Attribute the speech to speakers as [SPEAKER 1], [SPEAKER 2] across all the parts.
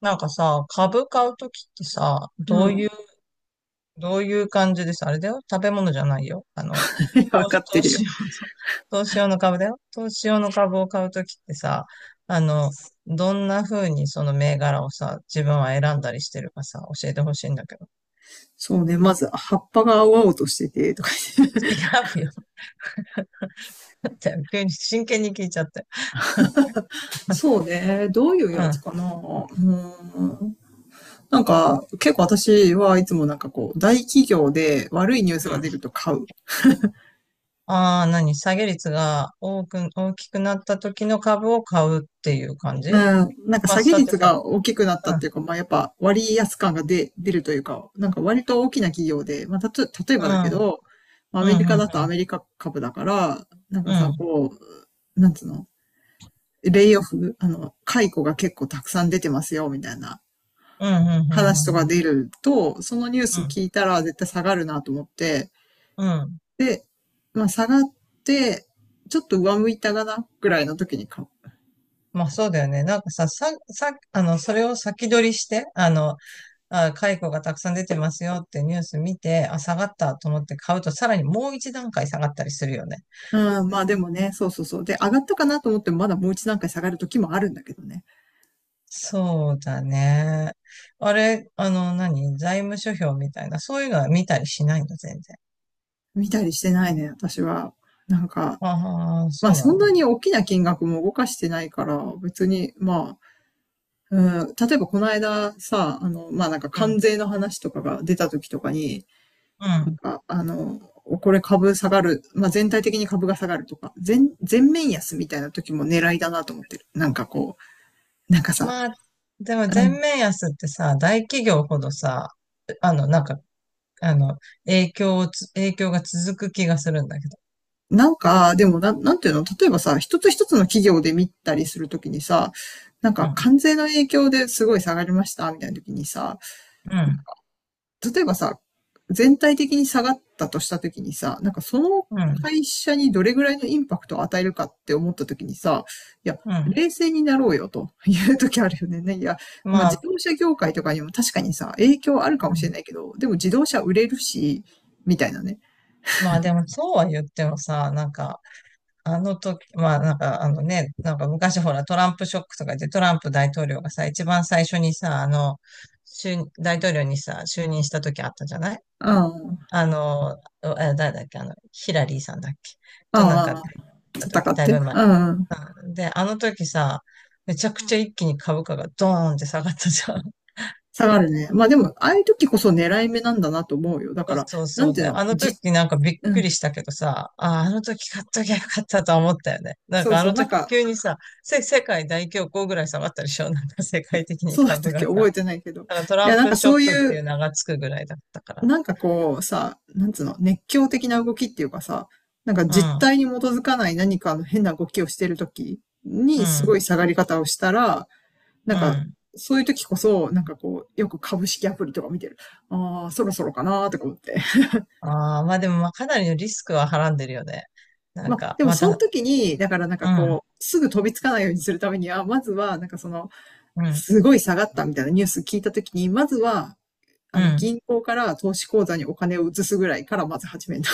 [SPEAKER 1] なんかさ、株買うときってさ、
[SPEAKER 2] う
[SPEAKER 1] どうい
[SPEAKER 2] ん。
[SPEAKER 1] う、どういう感じでさ、あれだよ。食べ物じゃないよ。
[SPEAKER 2] わ
[SPEAKER 1] 投
[SPEAKER 2] か
[SPEAKER 1] 資
[SPEAKER 2] って
[SPEAKER 1] 投
[SPEAKER 2] るよ。
[SPEAKER 1] 資用の、投資用の株だよ。投資用の株を買うときってさ、あの、どんな風にその銘柄をさ、自分は選んだりしてるかさ、教えてほしいんだけど。
[SPEAKER 2] そうね。まず、葉っぱが青々としてて、とか言って。
[SPEAKER 1] 違うよ。だって、急に真剣に聞いちゃって。
[SPEAKER 2] そうね。どういう
[SPEAKER 1] うん。
[SPEAKER 2] や
[SPEAKER 1] う
[SPEAKER 2] つ
[SPEAKER 1] ん。
[SPEAKER 2] かな。ーん。なんか、結構私はいつもなんかこう、大企業で悪いニュースが出ると買う。
[SPEAKER 1] ああ、何下げ率が多く、大きくなった時の株を買うっていう感
[SPEAKER 2] う
[SPEAKER 1] じ。
[SPEAKER 2] ん。なんか
[SPEAKER 1] まあ、
[SPEAKER 2] 下げ
[SPEAKER 1] だって
[SPEAKER 2] 率
[SPEAKER 1] さ、
[SPEAKER 2] が大きくなっ
[SPEAKER 1] う
[SPEAKER 2] たっ
[SPEAKER 1] ん、
[SPEAKER 2] ていうか、まあやっぱ割安感が出るというか、なんか割と大きな企業で、まあたと、例え
[SPEAKER 1] う
[SPEAKER 2] ばだ
[SPEAKER 1] ん、
[SPEAKER 2] けど、まあア
[SPEAKER 1] う
[SPEAKER 2] メリ
[SPEAKER 1] ん、
[SPEAKER 2] カ
[SPEAKER 1] う
[SPEAKER 2] だ
[SPEAKER 1] ん、
[SPEAKER 2] と
[SPEAKER 1] う
[SPEAKER 2] ア
[SPEAKER 1] ん。
[SPEAKER 2] メリカ株だから、なん
[SPEAKER 1] う
[SPEAKER 2] かさ、
[SPEAKER 1] ん。
[SPEAKER 2] こう、なんつうの、レイオフ、解雇が結構たくさん出てますよ、みたいな
[SPEAKER 1] うん、うん、うん、
[SPEAKER 2] 話と
[SPEAKER 1] うん、
[SPEAKER 2] か
[SPEAKER 1] うん。
[SPEAKER 2] 出ると、そのニュー
[SPEAKER 1] う
[SPEAKER 2] ス
[SPEAKER 1] ん、
[SPEAKER 2] 聞いたら絶対下がるなと思って、
[SPEAKER 1] うん。
[SPEAKER 2] で、まあ下がって、ちょっと上向いたかな、ぐらいの時に買う。
[SPEAKER 1] まあそうだよね。なんかさ、それを先取りして、あ、解雇がたくさん出てますよってニュース見て、あ、下がったと思って買うと、さらにもう一段階下がったりするよね。
[SPEAKER 2] うん、まあでもね、そうそうそう。で、上がったかなと思ってもまだもう一段階下がる時もあるんだけどね。
[SPEAKER 1] そうだね。あれ、何財務諸表みたいな、そういうのは見たりしないの、全然。
[SPEAKER 2] 見たりしてないね、私は。なんか、
[SPEAKER 1] ああ、
[SPEAKER 2] まあ
[SPEAKER 1] そうな
[SPEAKER 2] そん
[SPEAKER 1] んだ。
[SPEAKER 2] なに大きな金額も動かしてないから、別に、まあ、うん、例えばこの間さ、まあ、なんか
[SPEAKER 1] う
[SPEAKER 2] 関
[SPEAKER 1] ん、
[SPEAKER 2] 税の話とかが出た時とかに、
[SPEAKER 1] う
[SPEAKER 2] なん
[SPEAKER 1] ん。
[SPEAKER 2] か、これ株下がる、まあ、全体的に株が下がるとか、全面安みたいな時も狙いだなと思ってる。なんかこう、なんかさ、
[SPEAKER 1] まあ、でも
[SPEAKER 2] う
[SPEAKER 1] 全
[SPEAKER 2] ん、
[SPEAKER 1] 面安ってさ、大企業ほどさ、なんかあの、影響が続く気がするんだけど。
[SPEAKER 2] なんか、でもな、なんていうの、例えばさ、一つ一つの企業で見たりするときにさ、なん
[SPEAKER 1] う
[SPEAKER 2] か
[SPEAKER 1] ん、
[SPEAKER 2] 関税の影響ですごい下がりました、みたいなときにさ、
[SPEAKER 1] うん、
[SPEAKER 2] 例えばさ、全体的に下がったとしたときにさ、なんかその
[SPEAKER 1] うん、
[SPEAKER 2] 会社にどれぐらいのインパクトを与えるかって思ったときにさ、いや、
[SPEAKER 1] うん。
[SPEAKER 2] 冷静になろうよと いうときあるよね。まあ、
[SPEAKER 1] ま
[SPEAKER 2] 自
[SPEAKER 1] あ、
[SPEAKER 2] 動車業界とかにも確かにさ、影響あるか
[SPEAKER 1] う
[SPEAKER 2] もしれ
[SPEAKER 1] ん。
[SPEAKER 2] ないけど、でも自動車売れるし、みたいなね。
[SPEAKER 1] まあでもそうは言ってもさ、なんか、あの時、まあなんかあのね、なんか昔ほらトランプショックとかでトランプ大統領がさ、一番最初にさ、あの、就大統領にさ、就任した時あったじゃない。
[SPEAKER 2] うん、
[SPEAKER 1] あの、あ誰だっけ、ヒラリーさんだっけとなんか、
[SPEAKER 2] ああ、
[SPEAKER 1] た
[SPEAKER 2] 戦
[SPEAKER 1] 時、
[SPEAKER 2] っ
[SPEAKER 1] だいぶ
[SPEAKER 2] て。
[SPEAKER 1] 前。
[SPEAKER 2] うんうん。
[SPEAKER 1] で、あの時さ、めちゃくちゃ一気に株価がドーンって下がったじゃん。
[SPEAKER 2] 下がるね。まあでも、ああいう時こそ狙い目なんだなと思うよ。だか
[SPEAKER 1] そう
[SPEAKER 2] ら、
[SPEAKER 1] そう
[SPEAKER 2] な
[SPEAKER 1] そ
[SPEAKER 2] ん
[SPEAKER 1] う
[SPEAKER 2] ていう
[SPEAKER 1] ね。
[SPEAKER 2] の、
[SPEAKER 1] あの時なんかびっ
[SPEAKER 2] う
[SPEAKER 1] くり
[SPEAKER 2] ん。
[SPEAKER 1] したけどさ、ああ、あの時買っときゃよかったとは思ったよね。なん
[SPEAKER 2] そう
[SPEAKER 1] かあ
[SPEAKER 2] そう、
[SPEAKER 1] の
[SPEAKER 2] なん
[SPEAKER 1] 時
[SPEAKER 2] か、
[SPEAKER 1] 急にさ、世界大恐慌ぐらい下がったでしょ なんか世界的に
[SPEAKER 2] そうだった
[SPEAKER 1] 株
[SPEAKER 2] っけ。
[SPEAKER 1] が
[SPEAKER 2] 覚
[SPEAKER 1] さ。
[SPEAKER 2] えてないけど。い
[SPEAKER 1] なんかトラ
[SPEAKER 2] や、
[SPEAKER 1] ン
[SPEAKER 2] なん
[SPEAKER 1] プ
[SPEAKER 2] か
[SPEAKER 1] ショッ
[SPEAKER 2] そう
[SPEAKER 1] クっ
[SPEAKER 2] い
[SPEAKER 1] てい
[SPEAKER 2] う、
[SPEAKER 1] う名がつくぐらいだったから。
[SPEAKER 2] なんかこうさ、なんつうの、熱狂的な動きっていうかさ、なんか
[SPEAKER 1] う
[SPEAKER 2] 実
[SPEAKER 1] ん、
[SPEAKER 2] 体に基づかない何かの変な動きをしてるとき
[SPEAKER 1] う
[SPEAKER 2] にすご
[SPEAKER 1] ん、
[SPEAKER 2] い下がり方をしたら、な
[SPEAKER 1] う
[SPEAKER 2] んか
[SPEAKER 1] ん。
[SPEAKER 2] そういう時こそ、なんかこう、よく株式アプリとか見てる。ああ、そろそろかなーとか思って。
[SPEAKER 1] ああ、まあでもまあかなりのリスクははらんでるよね。なん
[SPEAKER 2] まあ、
[SPEAKER 1] か、
[SPEAKER 2] でも
[SPEAKER 1] ま
[SPEAKER 2] その
[SPEAKER 1] た、
[SPEAKER 2] 時に、だからなんか
[SPEAKER 1] うん、
[SPEAKER 2] こう、すぐ飛びつかないようにするためには、まずは、なんかその、
[SPEAKER 1] うん、
[SPEAKER 2] すごい下がったみたいなニュース聞いた時に、まずは、
[SPEAKER 1] うん。
[SPEAKER 2] 銀行から投資口座にお金を移すぐらいからまず始めた。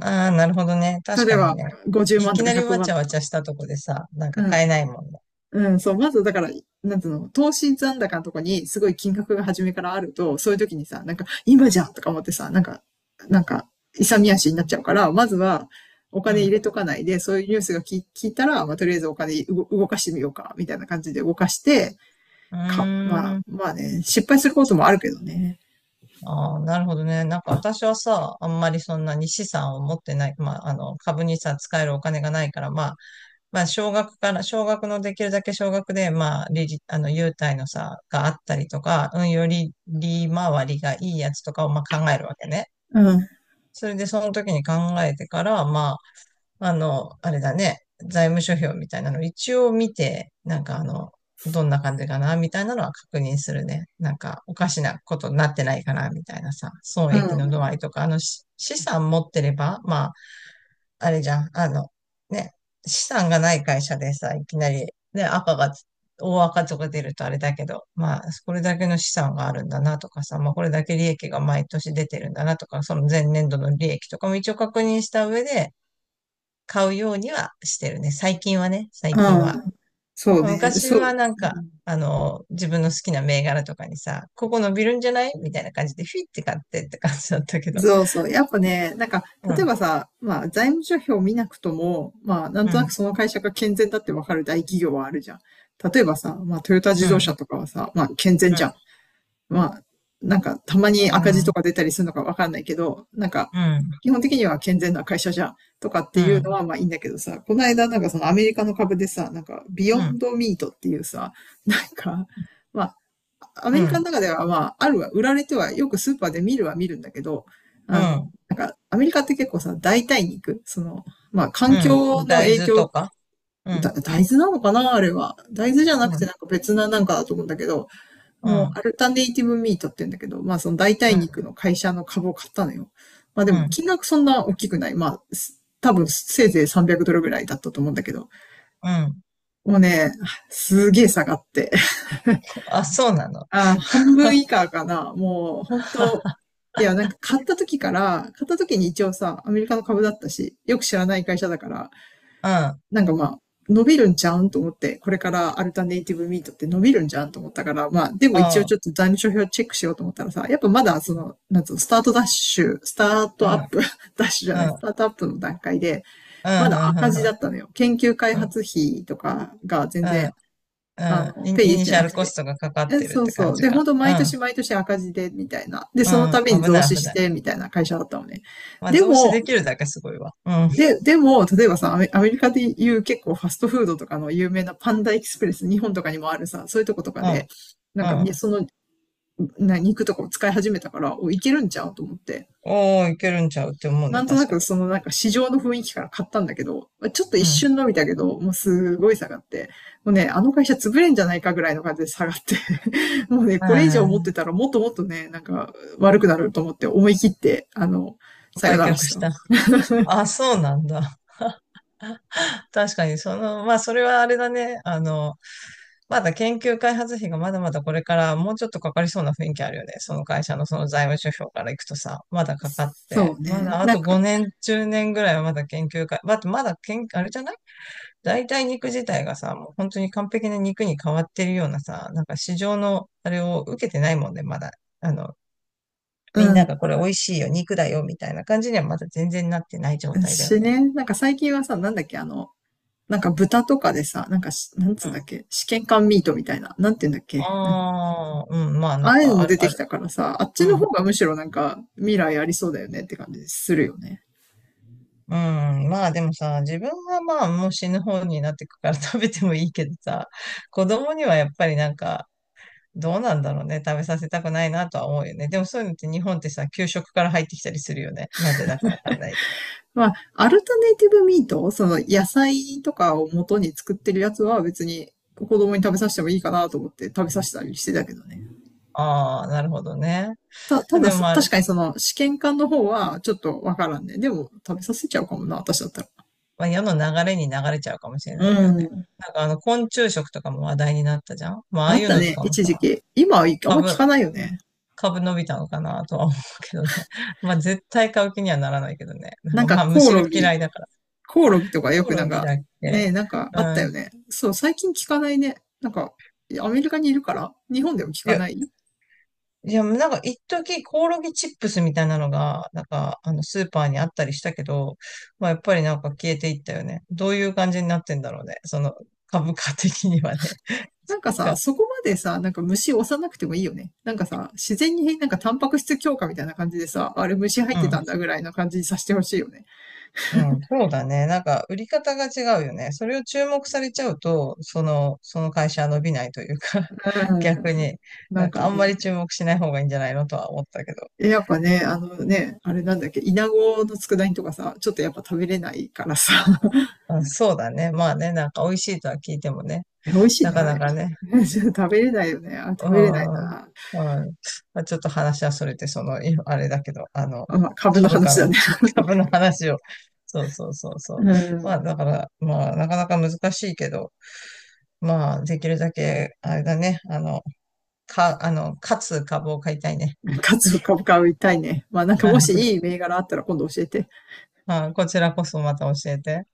[SPEAKER 1] ああ、なるほどね。確
[SPEAKER 2] 例え
[SPEAKER 1] かに
[SPEAKER 2] ば、
[SPEAKER 1] ね。
[SPEAKER 2] 50
[SPEAKER 1] い
[SPEAKER 2] 万
[SPEAKER 1] き
[SPEAKER 2] とか
[SPEAKER 1] なり
[SPEAKER 2] 100
[SPEAKER 1] わち
[SPEAKER 2] 万
[SPEAKER 1] ゃ
[SPEAKER 2] と
[SPEAKER 1] わ
[SPEAKER 2] か。
[SPEAKER 1] ちゃしたとこでさ、なん
[SPEAKER 2] う
[SPEAKER 1] か
[SPEAKER 2] ん。
[SPEAKER 1] 買えないもんね。
[SPEAKER 2] うん、そう、まずだから、なんつうの、投資残高のとこにすごい金額が初めからあると、そういう時にさ、なんか、今じゃんとか思ってさ、なんか、勇み足に
[SPEAKER 1] う
[SPEAKER 2] なっ
[SPEAKER 1] ん、
[SPEAKER 2] ちゃうから、まずは、お金入れとかないで、そういうニュースが聞いたら、まあ、とりあえずお金動かしてみようか、みたいな感じで動かして、
[SPEAKER 1] う
[SPEAKER 2] か、ま
[SPEAKER 1] ん。う
[SPEAKER 2] あ、
[SPEAKER 1] ーん。
[SPEAKER 2] まあね、失敗することもあるけどね。
[SPEAKER 1] ああ、なるほどね。なんか私はさ、あんまりそんなに資産を持ってない、まあ、株にさ、使えるお金がないから、まあ、少額から、少額のできるだけ少額で、まあ、利率、優待のさ、があったりとか、うん、より利回りがいいやつとかを、まあ、考えるわけね。
[SPEAKER 2] うん。
[SPEAKER 1] それで、その時に考えてから、まあ、あれだね、財務諸表みたいなの一応見て、なんかどんな感じかな、みたいなのは確認するね。なんか、おかしなことになってないかな、みたいなさ、損
[SPEAKER 2] う
[SPEAKER 1] 益の
[SPEAKER 2] ん。
[SPEAKER 1] 度合いとか、資産持ってれば、まあ、あれじゃん、ね、資産がない会社でさ、いきなり、ね、大赤とか出るとあれだけど、まあ、これだけの資産があるんだなとかさ、まあ、これだけ利益が毎年出てるんだなとか、その前年度の利益とかも一応確認した上で、買うようにはしてるね。最近はね、最近
[SPEAKER 2] う
[SPEAKER 1] は。
[SPEAKER 2] ん。そうね。
[SPEAKER 1] 昔
[SPEAKER 2] そ
[SPEAKER 1] は
[SPEAKER 2] う。
[SPEAKER 1] なんか、自分の好きな銘柄とかにさ、ここ伸びるんじゃないみたいな感じで、フィって買ってって感じだったけど。
[SPEAKER 2] そうそう。やっぱね、なんか、
[SPEAKER 1] う
[SPEAKER 2] 例
[SPEAKER 1] ん、
[SPEAKER 2] えばさ、まあ、財務諸表を見なくとも、まあ、なん
[SPEAKER 1] う
[SPEAKER 2] となく
[SPEAKER 1] ん、
[SPEAKER 2] その会社が健全だってわかる大企業はあるじゃん。例えばさ、まあ、トヨタ
[SPEAKER 1] う
[SPEAKER 2] 自動車
[SPEAKER 1] ん、
[SPEAKER 2] とかはさ、まあ、健全
[SPEAKER 1] う
[SPEAKER 2] じゃん。
[SPEAKER 1] ん、
[SPEAKER 2] まあ、なんか、たまに
[SPEAKER 1] う
[SPEAKER 2] 赤字と
[SPEAKER 1] ん、
[SPEAKER 2] か出たりするのかわかんないけど、なんか、
[SPEAKER 1] うん、
[SPEAKER 2] 基本的には健全な会社じゃん。とかって
[SPEAKER 1] うん、
[SPEAKER 2] いう
[SPEAKER 1] う
[SPEAKER 2] のは、
[SPEAKER 1] ん、
[SPEAKER 2] まあいいんだけどさ、この間、なんかそのアメリカの株でさ、なんか、ビヨ
[SPEAKER 1] う
[SPEAKER 2] ン
[SPEAKER 1] ん、
[SPEAKER 2] ドミートっていうさ、なんか、まあアメリカの中では、まあ、あるは、売られては、よくスーパーで見るは見るんだけど、
[SPEAKER 1] う
[SPEAKER 2] あの、
[SPEAKER 1] ん、
[SPEAKER 2] なんか、アメリカって結構さ、代替肉、その、まあ、環
[SPEAKER 1] う
[SPEAKER 2] 境
[SPEAKER 1] ん、
[SPEAKER 2] の
[SPEAKER 1] 大
[SPEAKER 2] 影
[SPEAKER 1] 豆
[SPEAKER 2] 響、
[SPEAKER 1] とか。うん、
[SPEAKER 2] 大豆なのかなあれは。大豆じゃなく
[SPEAKER 1] う
[SPEAKER 2] て
[SPEAKER 1] ん、
[SPEAKER 2] なんか別ななんかだと思うんだけど、あ
[SPEAKER 1] う
[SPEAKER 2] のア
[SPEAKER 1] ん、
[SPEAKER 2] ルタネイティブミートって言うんだけど、まあその代
[SPEAKER 1] う
[SPEAKER 2] 替肉
[SPEAKER 1] ん、
[SPEAKER 2] の会社の株を買ったのよ。まあで
[SPEAKER 1] う
[SPEAKER 2] も
[SPEAKER 1] ん、
[SPEAKER 2] 金額そんな大きくない。まあ、多分せいぜい300ドルぐらいだったと思うんだけど、
[SPEAKER 1] うん。
[SPEAKER 2] もうね、すげえ下がって、
[SPEAKER 1] あ、そうなの。
[SPEAKER 2] あー、半分以下かな。もう、本当、いや、なんか買った時から、買った時に一応さ、アメリカの株だったし、よく知らない会社だから、
[SPEAKER 1] うん、
[SPEAKER 2] なんかまあ、伸びるんちゃうんと思って、これからアルタネイティブミートって伸びるんじゃんと思ったから、まあ、でも
[SPEAKER 1] う
[SPEAKER 2] 一応ちょ
[SPEAKER 1] ん、
[SPEAKER 2] っと財務諸表チェックしようと思ったらさ、やっぱまだその、なんつうの、スタートダッシュ、スター
[SPEAKER 1] う
[SPEAKER 2] ト
[SPEAKER 1] ん、
[SPEAKER 2] ア
[SPEAKER 1] うん、
[SPEAKER 2] ップ ダッシュじゃ
[SPEAKER 1] う
[SPEAKER 2] な
[SPEAKER 1] ん、
[SPEAKER 2] い、ス
[SPEAKER 1] うん、
[SPEAKER 2] タートアップの段階で、まだ赤
[SPEAKER 1] う
[SPEAKER 2] 字だ
[SPEAKER 1] ん、
[SPEAKER 2] ったのよ。研究開
[SPEAKER 1] うん、うん。
[SPEAKER 2] 発費とかが全然、
[SPEAKER 1] うん。
[SPEAKER 2] ペイ
[SPEAKER 1] イ
[SPEAKER 2] でき
[SPEAKER 1] ニ
[SPEAKER 2] て
[SPEAKER 1] シャ
[SPEAKER 2] なく
[SPEAKER 1] ルコス
[SPEAKER 2] て。
[SPEAKER 1] トがかかっ
[SPEAKER 2] え、
[SPEAKER 1] てるっ
[SPEAKER 2] そう
[SPEAKER 1] て感
[SPEAKER 2] そう。
[SPEAKER 1] じ
[SPEAKER 2] で、本
[SPEAKER 1] か。
[SPEAKER 2] 当
[SPEAKER 1] う
[SPEAKER 2] 毎
[SPEAKER 1] ん。
[SPEAKER 2] 年毎年赤字で、みたいな。で、その度
[SPEAKER 1] う
[SPEAKER 2] に
[SPEAKER 1] ん。危
[SPEAKER 2] 増
[SPEAKER 1] ない、
[SPEAKER 2] 資
[SPEAKER 1] 危
[SPEAKER 2] し
[SPEAKER 1] ない。
[SPEAKER 2] て、みたいな会社だったのね。
[SPEAKER 1] まあ、
[SPEAKER 2] で
[SPEAKER 1] 増資
[SPEAKER 2] も、
[SPEAKER 1] できるだけすごいわ。うん。
[SPEAKER 2] でも、例えばさ、アメリカでいう結構ファストフードとかの有名なパンダエキスプレス、日本とかにもあるさ、そういうとことか
[SPEAKER 1] うん。
[SPEAKER 2] で、なんか
[SPEAKER 1] うん。
[SPEAKER 2] ね、その、肉とかを使い始めたから、お、いけるんちゃうと思って。
[SPEAKER 1] おー、いけるんちゃうって思う
[SPEAKER 2] な
[SPEAKER 1] ね、
[SPEAKER 2] んとな
[SPEAKER 1] 確か
[SPEAKER 2] く
[SPEAKER 1] に。
[SPEAKER 2] そのなんか市場の雰囲気から買ったんだけど、ちょっと一
[SPEAKER 1] うん。
[SPEAKER 2] 瞬伸びたけど、もうすごい下がって、もうね、あの会社潰れんじゃないかぐらいの感じで下がって、もうね、
[SPEAKER 1] あ
[SPEAKER 2] これ以上持っ
[SPEAKER 1] ー、
[SPEAKER 2] てたらもっともっとね、なんか悪くなると思って思い切って、さよ
[SPEAKER 1] 売
[SPEAKER 2] なら
[SPEAKER 1] 却
[SPEAKER 2] した。
[SPEAKER 1] し た。あ、そうなんだ。確かに、その、まあ、それはあれだね。まだ研究開発費がまだまだこれからもうちょっとかかりそうな雰囲気あるよね。その会社のその財務諸表からいくとさ、まだかかっ
[SPEAKER 2] そ
[SPEAKER 1] て、
[SPEAKER 2] う
[SPEAKER 1] ま
[SPEAKER 2] ね。
[SPEAKER 1] だあ
[SPEAKER 2] なん
[SPEAKER 1] と
[SPEAKER 2] か、
[SPEAKER 1] 5年、10年ぐらいはまだ研究開、まだ、まだ研、あれじゃない。代替肉自体がさ、もう本当に完璧な肉に変わってるようなさ、なんか市場のあれを受けてないもんね、まだ。あの、
[SPEAKER 2] う
[SPEAKER 1] みん
[SPEAKER 2] ん。
[SPEAKER 1] ながこれ美味しいよ、肉だよ、みたいな感じにはまだ全然なってない状態だよ
[SPEAKER 2] し
[SPEAKER 1] ね。
[SPEAKER 2] ね、なんか最近はさ、なんだっけ、なんか豚とかでさ、なんかし、なんつうんだっけ、試験管ミートみたいな、なんていうんだっ
[SPEAKER 1] あ
[SPEAKER 2] け、なん、
[SPEAKER 1] あ、うん、まあ
[SPEAKER 2] あ
[SPEAKER 1] なん
[SPEAKER 2] あいうの
[SPEAKER 1] か
[SPEAKER 2] も
[SPEAKER 1] ある、
[SPEAKER 2] 出て
[SPEAKER 1] あ
[SPEAKER 2] き
[SPEAKER 1] る。
[SPEAKER 2] たからさ、あっ
[SPEAKER 1] う
[SPEAKER 2] ちの
[SPEAKER 1] ん。
[SPEAKER 2] 方がむしろなんか未来ありそうだよねって感じするよね。
[SPEAKER 1] うん、まあでもさ、自分はまあもう死ぬ方になってくから 食べてもいいけどさ、子供にはやっぱりなんか、どうなんだろうね。食べさせたくないなとは思うよね。でもそういうのって日本ってさ、給食から入ってきたりするよね。なぜだかわかんないけど。
[SPEAKER 2] まあ、アルタネイティブミート、その野菜とかを元に作ってるやつは別に子供に食べさせてもいいかなと思って食べさせたりしてたけどね。
[SPEAKER 1] ああ、なるほどね。
[SPEAKER 2] た、ただ
[SPEAKER 1] でも
[SPEAKER 2] そ、
[SPEAKER 1] まあ、
[SPEAKER 2] 確かにその試験管の方はちょっとわからんね。でも食べさせちゃうかもな、私だったら。
[SPEAKER 1] まあ、世の流れに流れちゃうかもしれ
[SPEAKER 2] う
[SPEAKER 1] ないけどね。
[SPEAKER 2] ん。
[SPEAKER 1] なんか昆虫食とかも話題になったじゃん。まあ、あ
[SPEAKER 2] あ
[SPEAKER 1] あ
[SPEAKER 2] っ
[SPEAKER 1] いう
[SPEAKER 2] た
[SPEAKER 1] のと
[SPEAKER 2] ね、
[SPEAKER 1] かも
[SPEAKER 2] 一
[SPEAKER 1] さ、
[SPEAKER 2] 時期。今はあんま聞
[SPEAKER 1] 株、
[SPEAKER 2] かないよね。
[SPEAKER 1] 株伸びたのかなとは思うけどね。まあ、絶対買う気にはならないけどね。なん
[SPEAKER 2] なん
[SPEAKER 1] か
[SPEAKER 2] か
[SPEAKER 1] まあ、
[SPEAKER 2] コオ
[SPEAKER 1] 虫が
[SPEAKER 2] ロ
[SPEAKER 1] 嫌
[SPEAKER 2] ギ
[SPEAKER 1] いだから。
[SPEAKER 2] コオロギとかよ
[SPEAKER 1] コオ
[SPEAKER 2] くな
[SPEAKER 1] ロ
[SPEAKER 2] ん
[SPEAKER 1] ギ
[SPEAKER 2] か、
[SPEAKER 1] だっ
[SPEAKER 2] ね
[SPEAKER 1] け？
[SPEAKER 2] えなんかあった
[SPEAKER 1] う
[SPEAKER 2] よ
[SPEAKER 1] ん。
[SPEAKER 2] ね。そう、最近聞かないね。なんか、アメリカにいるから日本でも聞
[SPEAKER 1] い
[SPEAKER 2] か
[SPEAKER 1] や
[SPEAKER 2] ない。
[SPEAKER 1] いや、なんか、一時コオロギチップスみたいなのが、なんか、スーパーにあったりしたけど、まあ、やっぱりなんか消えていったよね。どういう感じになってんだろうね。その、株価的にはね。そ
[SPEAKER 2] な
[SPEAKER 1] っ
[SPEAKER 2] んかさ、
[SPEAKER 1] か。
[SPEAKER 2] そこまでさ、なんか虫押さなくてもいいよね。なんかさ、自然になんかタンパク質強化みたいな感じでさ、あれ虫入っ
[SPEAKER 1] う
[SPEAKER 2] てた
[SPEAKER 1] ん。
[SPEAKER 2] んだぐらいの感じにさせてほしいよね。
[SPEAKER 1] うん。そうだね。なんか、売り方が違うよね。それを注目されちゃうと、その会社は伸びないというか
[SPEAKER 2] う
[SPEAKER 1] 逆
[SPEAKER 2] ん。
[SPEAKER 1] に、
[SPEAKER 2] な
[SPEAKER 1] な
[SPEAKER 2] ん
[SPEAKER 1] ん
[SPEAKER 2] か
[SPEAKER 1] か、あんま
[SPEAKER 2] ね、
[SPEAKER 1] り注目しない方がいいんじゃないのとは思ったけど。
[SPEAKER 2] え、やっぱね、あのね、あれなんだっけ、イナゴの佃煮とかさ、ちょっとやっぱ食べれないからさ。
[SPEAKER 1] うん、そうだね。まあね、なんか、美味しいとは聞いてもね。
[SPEAKER 2] え、美味しい
[SPEAKER 1] な
[SPEAKER 2] の
[SPEAKER 1] か
[SPEAKER 2] あ
[SPEAKER 1] な
[SPEAKER 2] れ。
[SPEAKER 1] かね、
[SPEAKER 2] 食べれないよね。あ、
[SPEAKER 1] あ
[SPEAKER 2] 食べれない
[SPEAKER 1] あ、
[SPEAKER 2] な。
[SPEAKER 1] はい。まあ、ちょっと話はそれて、その、あれだけど、
[SPEAKER 2] あ、株の
[SPEAKER 1] 株価
[SPEAKER 2] 話だ
[SPEAKER 1] の、
[SPEAKER 2] ね。
[SPEAKER 1] 株の話を。そうそうそうそ
[SPEAKER 2] う
[SPEAKER 1] う。まあ、
[SPEAKER 2] ん。
[SPEAKER 1] だから、まあ、なかなか難しいけど、まあ、できるだけ、あれだね、あの、か、あの、勝つ株を買いたいね。
[SPEAKER 2] かつ株買いたいね。まあなんかもしいい 銘柄あったら今度教えて。
[SPEAKER 1] あ、こちらこそまた教えて。